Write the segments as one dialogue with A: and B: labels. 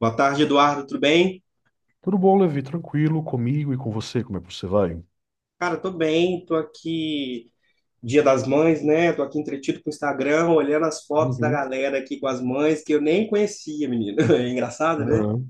A: Boa tarde, Eduardo, tudo bem?
B: Tudo bom, Levi? Tranquilo comigo e com você? Como é que você vai?
A: Cara, tô bem, tô aqui, Dia das Mães, né? Tô aqui entretido com o Instagram, olhando as fotos da
B: Uhum.
A: galera aqui com as mães, que eu nem conhecia, menino. É engraçado, né?
B: Aham.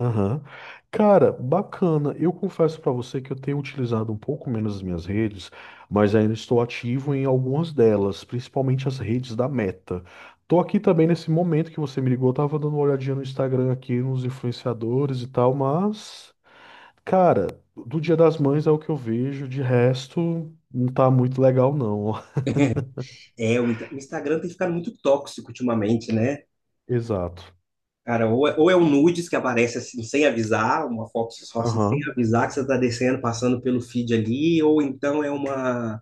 B: Aham. Cara, bacana. Eu confesso pra você que eu tenho utilizado um pouco menos as minhas redes, mas ainda estou ativo em algumas delas, principalmente as redes da Meta. Tô aqui também nesse momento que você me ligou, eu tava dando uma olhadinha no Instagram aqui, nos influenciadores e tal, mas, cara, do Dia das Mães é o que eu vejo, de resto, não tá muito legal, não.
A: É, o Instagram tem ficado muito tóxico ultimamente, né?
B: Exato.
A: Cara, ou é um nudes que aparece assim, sem avisar, uma foto só assim, sem
B: Aham.
A: avisar que você tá descendo, passando pelo feed ali, ou então é uma...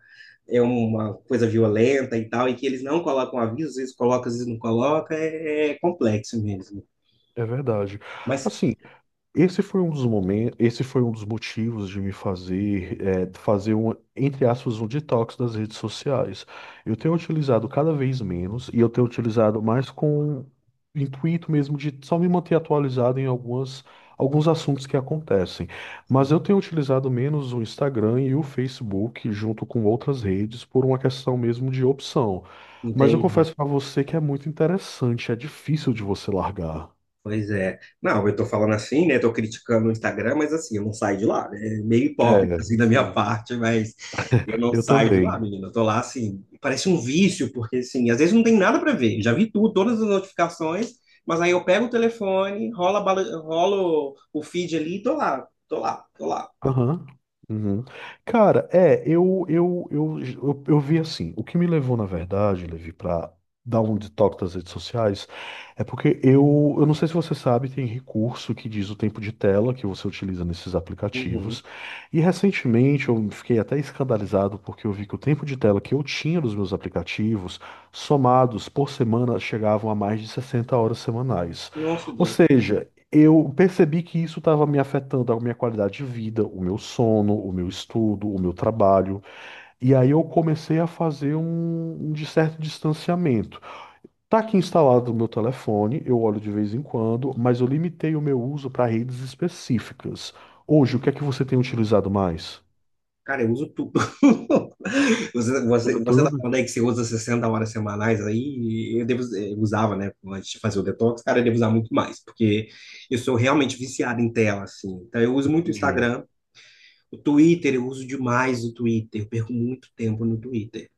A: É uma coisa violenta e tal, e que eles não colocam aviso, às vezes colocam, às vezes não colocam, é complexo mesmo.
B: É verdade.
A: Mas.
B: Assim, esse foi um dos momentos, esse foi um dos motivos de me fazer, fazer um, entre aspas, um detox das redes sociais. Eu tenho utilizado cada vez menos e eu tenho utilizado mais com o intuito mesmo de só me manter atualizado em algumas, alguns assuntos que acontecem. Mas eu tenho utilizado menos o Instagram e o Facebook junto com outras redes por uma questão mesmo de opção. Mas eu
A: Entendi.
B: confesso para você que é muito interessante, é difícil de você largar.
A: Pois é. Não, eu tô falando assim, né? Tô criticando o Instagram, mas assim, eu não saio de lá, né? É meio hipócrita assim
B: É,
A: da minha
B: sim.
A: parte, mas eu não
B: Eu
A: saio de lá,
B: também.
A: menina. Eu tô lá assim, parece um vício, porque assim, às vezes não tem nada para ver. Já vi tudo, todas as notificações, mas aí eu pego o telefone, rola, rola o feed ali e tô lá, tô lá, tô lá.
B: Aham. Uhum. Cara, eu vi assim, o que me levou, na verdade, Levi, pra dar um detox das redes sociais, é porque eu não sei se você sabe, tem recurso que diz o tempo de tela que você utiliza nesses aplicativos,
A: Uhum.
B: e recentemente eu fiquei até escandalizado porque eu vi que o tempo de tela que eu tinha nos meus aplicativos, somados por semana, chegavam a mais de 60 horas semanais.
A: Nossa,
B: Ou
A: Deus.
B: seja, eu percebi que isso estava me afetando a minha qualidade de vida, o meu sono, o meu estudo, o meu trabalho. E aí eu comecei a fazer um de certo distanciamento. Tá aqui instalado no meu telefone, eu olho de vez em quando, mas eu limitei o meu uso para redes específicas. Hoje, o que é que você tem utilizado mais?
A: Cara, eu uso tudo. Você,
B: Tudo,
A: você, você tá
B: tudo.
A: falando aí que você usa 60 horas semanais aí, eu devo, eu usava, né, antes de fazer o detox, cara, eu devo usar muito mais, porque eu sou realmente viciado em tela, assim. Então, eu uso muito o
B: Entendi.
A: Instagram, o Twitter, eu uso demais o Twitter, eu perco muito tempo no Twitter.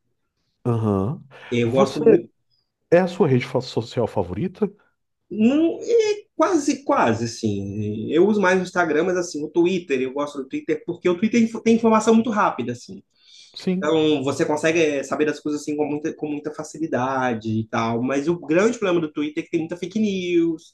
B: Aham.
A: Eu gosto
B: Você
A: muito,
B: é a sua rede social favorita?
A: não, é quase, quase, assim. Eu uso mais o Instagram, mas, assim, o Twitter, eu gosto do Twitter porque o Twitter tem informação muito rápida, assim.
B: Sim.
A: Então, você consegue saber das coisas assim com muita facilidade e tal. Mas o grande problema do Twitter é que tem muita fake news,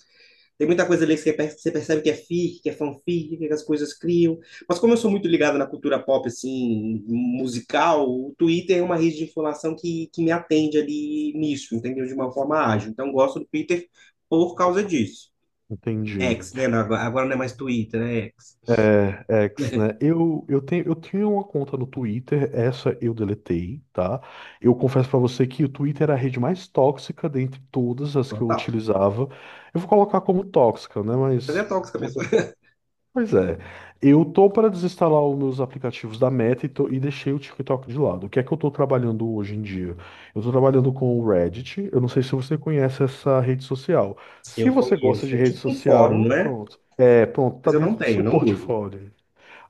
A: tem muita coisa ali que você você percebe que é fic, que é fanfic, que as coisas criam. Mas como eu sou muito ligado na cultura pop, assim, musical, o Twitter é uma rede de informação que me atende ali nisso, entendeu? De uma forma ágil. Então, eu gosto do Twitter por causa disso.
B: Entendi.
A: X, né? Agora não é mais Twitter, né? X.
B: É, é, X, né? Eu tenho, eu tinha uma conta no Twitter, essa eu deletei, tá? Eu confesso pra você que o Twitter era a rede mais tóxica dentre todas as que eu
A: Total.
B: utilizava. Eu vou colocar como tóxica, né?
A: Mas é
B: Mas.
A: tóxica a pessoa.
B: Pois é. Eu tô para desinstalar os meus aplicativos da Meta e, e deixei o TikTok de lado. O que é que eu tô trabalhando hoje em dia? Eu tô trabalhando com o Reddit. Eu não sei se você conhece essa rede social. Se
A: Eu
B: você gosta
A: conheço.
B: de
A: É
B: rede
A: tipo um fórum, não
B: social,
A: é?
B: pronto. É, pronto, tá
A: Mas eu não
B: dentro do
A: tenho,
B: seu
A: não uso.
B: portfólio.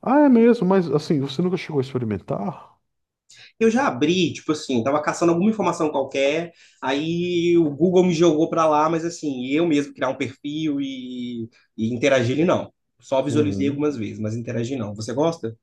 B: Ah, é mesmo, mas assim, você nunca chegou a experimentar?
A: Eu já abri, tipo assim, tava caçando alguma informação qualquer, aí o Google me jogou pra lá, mas assim, eu mesmo criar um perfil e interagir ele não. Só visualizei
B: Uhum.
A: algumas vezes, mas interagir não. Você gosta?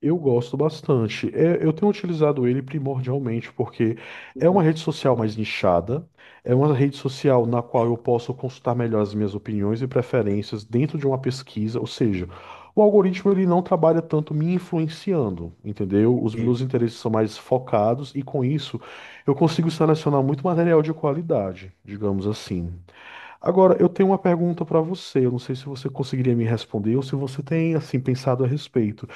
B: Eu gosto bastante. É, eu tenho utilizado ele primordialmente porque é uma
A: Uhum.
B: rede social mais nichada, é uma rede social na qual eu posso consultar melhor as minhas opiniões e preferências dentro de uma pesquisa, ou seja, o algoritmo ele não trabalha tanto me influenciando, entendeu? Os
A: E,
B: meus interesses são mais focados e com isso eu consigo selecionar muito material de qualidade, digamos assim. Agora, eu tenho uma pergunta para você. Eu não sei se você conseguiria me responder ou se você tem assim pensado a respeito.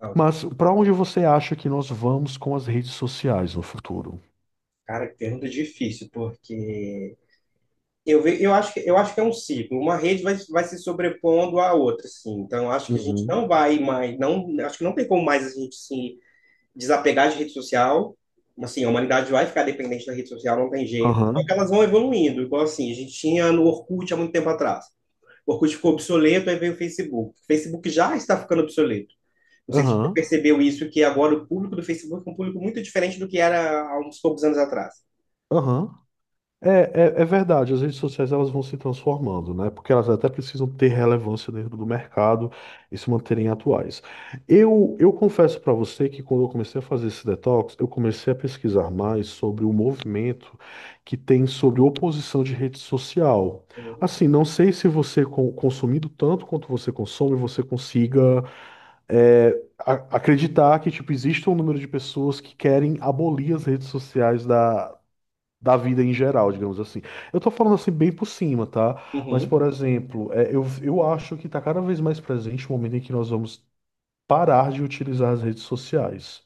A: ó.
B: Mas para onde você acha que nós vamos com as redes sociais no futuro?
A: Cara, que pergunta difícil, porque eu, eu acho que é um ciclo. Uma rede vai se sobrepondo à outra, assim. Então, eu acho que a gente não
B: Uhum.
A: vai mais, não, acho que não tem como mais a gente se desapegar de rede social. Assim, a humanidade vai ficar dependente da rede social, não tem jeito. Só
B: Aham.
A: que elas vão evoluindo. Igual assim, a gente tinha no Orkut há muito tempo atrás. O Orkut ficou obsoleto, aí veio o Facebook. O Facebook já está ficando obsoleto. Não sei se você
B: Aham.
A: percebeu isso, que agora o público do Facebook é um público muito diferente do que era há uns poucos anos atrás.
B: Aham. É verdade, as redes sociais elas vão se transformando, né? Porque elas até precisam ter relevância dentro do mercado e se manterem atuais. Eu confesso para você que quando eu comecei a fazer esse detox, eu comecei a pesquisar mais sobre o movimento que tem sobre oposição de rede social. Assim, não sei se você, consumindo tanto quanto você consome, você consiga é, acreditar que tipo, existe um número de pessoas que querem abolir as redes sociais da vida em geral, digamos assim. Eu tô falando assim bem por cima, tá? Mas,
A: Uhum.
B: por exemplo, eu acho que tá cada vez mais presente o momento em que nós vamos parar de utilizar as redes sociais.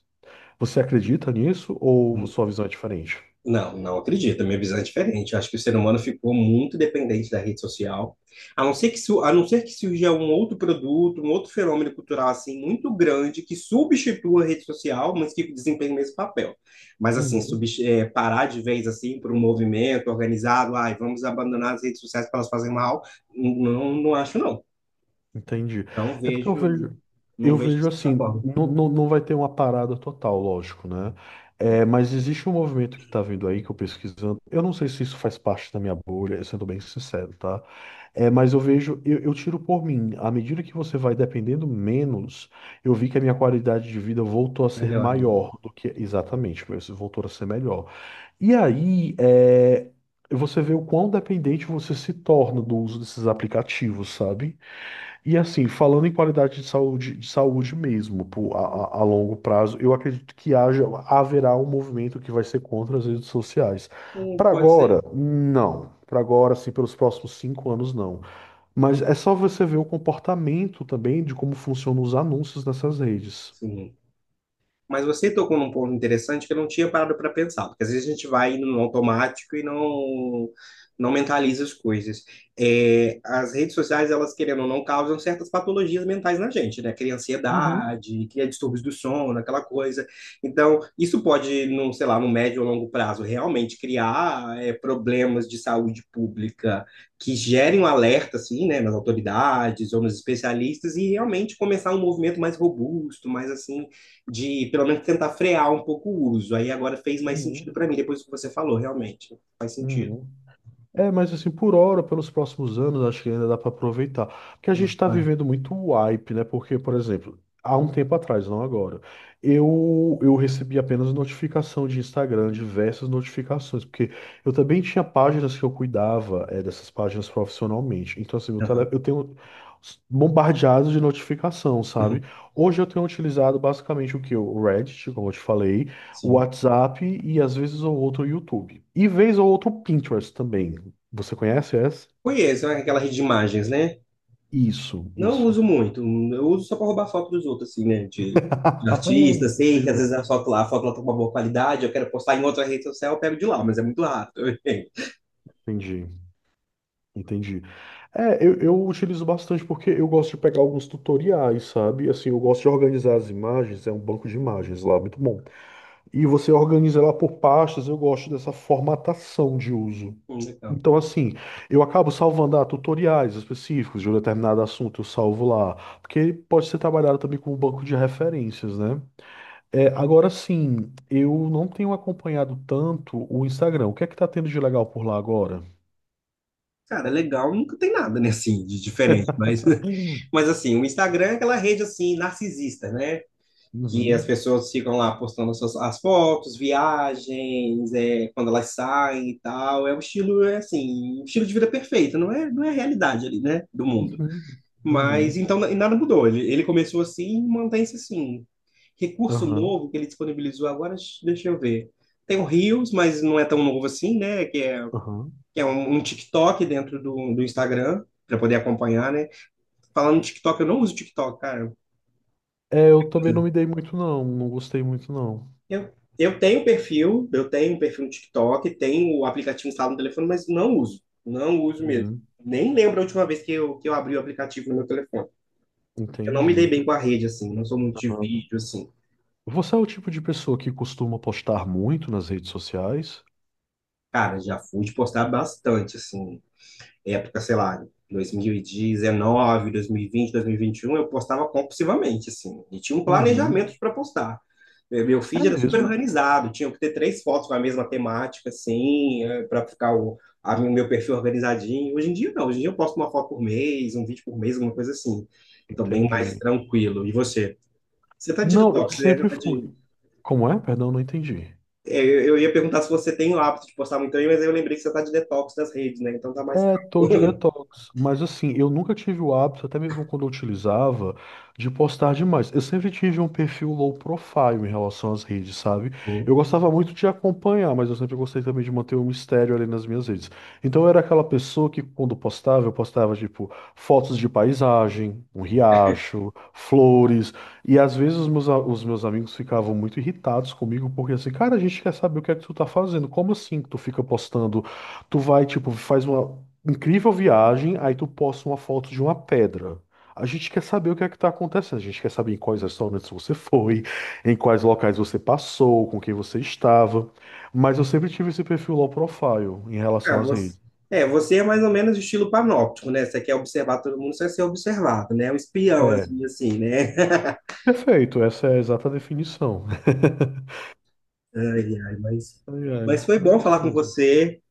B: Você acredita nisso ou sua visão é diferente?
A: Não, não acredito. A minha visão é diferente. Eu acho que o ser humano ficou muito dependente da rede social. A não ser que, su- a não ser que surja um outro produto, um outro fenômeno cultural assim muito grande que substitua a rede social, mas que desempenhe o mesmo papel. Mas assim,
B: Uhum.
A: parar de vez assim por um movimento organizado, ai, vamos abandonar as redes sociais para elas fazerem mal, não, não acho não.
B: Entendi.
A: Não
B: É porque
A: vejo, não
B: eu
A: vejo
B: vejo
A: dessa
B: assim,
A: forma.
B: não, não vai ter uma parada total, lógico, né? É, mas existe um movimento que tá vindo aí, que eu pesquisando. Eu não sei se isso faz parte da minha bolha, sendo bem sincero, tá? É, mas eu vejo, eu tiro por mim. À medida que você vai dependendo menos, eu vi que a minha qualidade de vida voltou a ser
A: Melhora, né?
B: maior do que exatamente, mas voltou a ser melhor. E aí, é, você vê o quão dependente você se torna do uso desses aplicativos, sabe? E assim, falando em qualidade de saúde mesmo, pô, a, a longo prazo, eu acredito que haja, haverá um movimento que vai ser contra as redes sociais. Para
A: Pode
B: agora,
A: ser.
B: não. Para agora, assim, pelos próximos 5 anos, não. Mas é só você ver o comportamento também de como funcionam os anúncios nessas redes.
A: Sim. Mas você tocou num ponto interessante que eu não tinha parado para pensar, porque às vezes a gente vai indo no automático e não mentaliza as coisas. É, as redes sociais, elas querendo ou não, causam certas patologias mentais na gente, né? Cria
B: Uhum,
A: ansiedade, cria distúrbios do sono, aquela coisa. Então, isso pode, num, sei lá, no médio ou longo prazo, realmente criar problemas de saúde pública que gerem um alerta, assim, né, nas autoridades ou nos especialistas e realmente começar um movimento mais robusto, mais assim de pelo menos tentar frear um pouco o uso. Aí agora fez mais sentido
B: uhum,
A: para mim, depois que você falou, realmente. Faz sentido.
B: uhum. É, mas assim, por hora, pelos próximos anos, acho que ainda dá para aproveitar. Porque a gente está
A: Ah,
B: vivendo muito hype, né? Porque, por exemplo, há um tempo atrás, não agora, eu recebi apenas notificação de Instagram, diversas notificações, porque eu também tinha páginas que eu cuidava, dessas páginas profissionalmente. Então, assim, meu tele,
A: aham,
B: eu tenho bombardeado de notificação, sabe? Hoje eu tenho utilizado basicamente o que? O Reddit, como eu te falei, o
A: sim.
B: WhatsApp e às vezes ou outro YouTube. E vez ou outro Pinterest também. Você conhece essa?
A: Conheço, né, aquela rede de imagens, né?
B: Isso.
A: Não uso
B: Isso.
A: muito. Eu uso só para roubar foto dos outros, assim, né? De artista, sei que
B: Pois
A: às vezes
B: é.
A: a foto lá tá com uma boa qualidade, eu quero postar em outra rede social, eu pego de lá, mas é muito raro.
B: Entendi, entendi. É, eu utilizo bastante porque eu gosto de pegar alguns tutoriais, sabe? Assim, eu gosto de organizar as imagens, é um banco de imagens lá, muito bom. E você organiza ela por pastas, eu gosto dessa formatação de uso.
A: Legal.
B: Então, assim, eu acabo salvando tutoriais específicos de um determinado assunto, eu salvo lá. Porque pode ser trabalhado também como banco de referências, né? É, agora sim, eu não tenho acompanhado tanto o Instagram. O que é que tá tendo de legal por lá agora?
A: Cara, legal, nunca tem nada, né, assim, de diferente, mas,
B: Uhum,
A: mas assim, o Instagram é aquela rede, assim, narcisista, né? Que as
B: uhum,
A: pessoas ficam lá postando suas, as fotos, viagens, é, quando elas saem e tal. É um estilo, é assim, um estilo de vida perfeito, não é, não é a realidade ali, né, do mundo.
B: uhum,
A: Mas
B: uhum,
A: então e nada mudou. Ele começou assim e mantém-se assim. Recurso
B: aham,
A: novo que ele disponibilizou agora, deixa eu ver. Tem o Reels, mas não é tão novo assim, né? Que é,
B: aham.
A: que é um TikTok dentro do Instagram, para poder acompanhar, né? Falando em TikTok, eu não uso TikTok, cara.
B: É, eu também não me dei muito não, não gostei muito não.
A: Eu, eu tenho perfil, eu tenho um perfil no TikTok, tenho o aplicativo instalado no telefone, mas não uso. Não uso mesmo.
B: Uhum,
A: Nem lembro a última vez que eu abri o aplicativo no meu telefone. Eu não me dei
B: entendi.
A: bem com a rede, assim, não sou muito de
B: Aham.
A: vídeo, assim.
B: Você é o tipo de pessoa que costuma postar muito nas redes sociais?
A: Cara, já fui de postar bastante, assim. Época, sei lá, 2019, 2020, 2021, eu postava compulsivamente, assim, e tinha um planejamento
B: Uhum.
A: para postar. Meu
B: É
A: feed era super
B: mesmo?
A: organizado, tinha que ter três fotos com a mesma temática, assim, para ficar o meu perfil organizadinho. Hoje em dia, não, hoje em dia eu posto uma foto por mês, um vídeo por mês, alguma coisa assim. Tô bem mais
B: Entendi.
A: tranquilo. E você? Você tá de
B: Não, eu
A: detox, né? Você
B: sempre
A: Tá de-
B: fui. Como é? Perdão, não entendi.
A: é, eu ia perguntar se você tem o hábito de postar muito aí, mas aí eu lembrei que você tá de detox das redes, né? Então tá mais
B: É, tô de detox, mas assim, eu nunca tive o hábito, até mesmo quando eu utilizava, de postar demais. Eu sempre tive um perfil low profile em relação às redes, sabe?
A: calmo.
B: Eu gostava muito de acompanhar, mas eu sempre gostei também de manter um mistério ali nas minhas redes. Então eu era aquela pessoa que quando postava, eu postava tipo fotos de paisagem, um riacho, flores, e às vezes os meus amigos ficavam muito irritados comigo, porque assim, cara, a gente quer saber o que é que tu tá fazendo, como assim que tu fica postando. Tu vai, tipo, faz uma. Incrível viagem, aí tu posta uma foto de uma pedra. A gente quer saber o que é que tá acontecendo. A gente quer saber em quais restaurantes você foi, em quais locais você passou, com quem você estava. Mas eu sempre tive esse perfil low profile em
A: Ah,
B: relação às
A: você,
B: redes.
A: é, você é mais ou menos de estilo panóptico, né? Você quer observar todo mundo, você quer ser observado, né? É um espião,
B: É,
A: assim, né?
B: perfeito, essa é a exata definição.
A: Ai, ai, mas,
B: Ai, ai,
A: mas foi
B: mas
A: bom
B: é isso
A: falar com
B: mesmo.
A: você.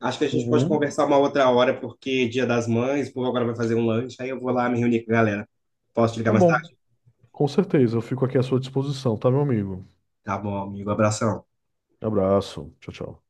A: Acho que a gente pode
B: Uhum.
A: conversar uma outra hora, porque Dia das Mães, o povo agora vai fazer um lanche, aí eu vou lá me reunir com a galera. Posso te ligar
B: Tá
A: mais
B: bom,
A: tarde?
B: com certeza. Eu fico aqui à sua disposição, tá, meu amigo?
A: Tá bom, amigo. Abração.
B: Abraço. Tchau, tchau.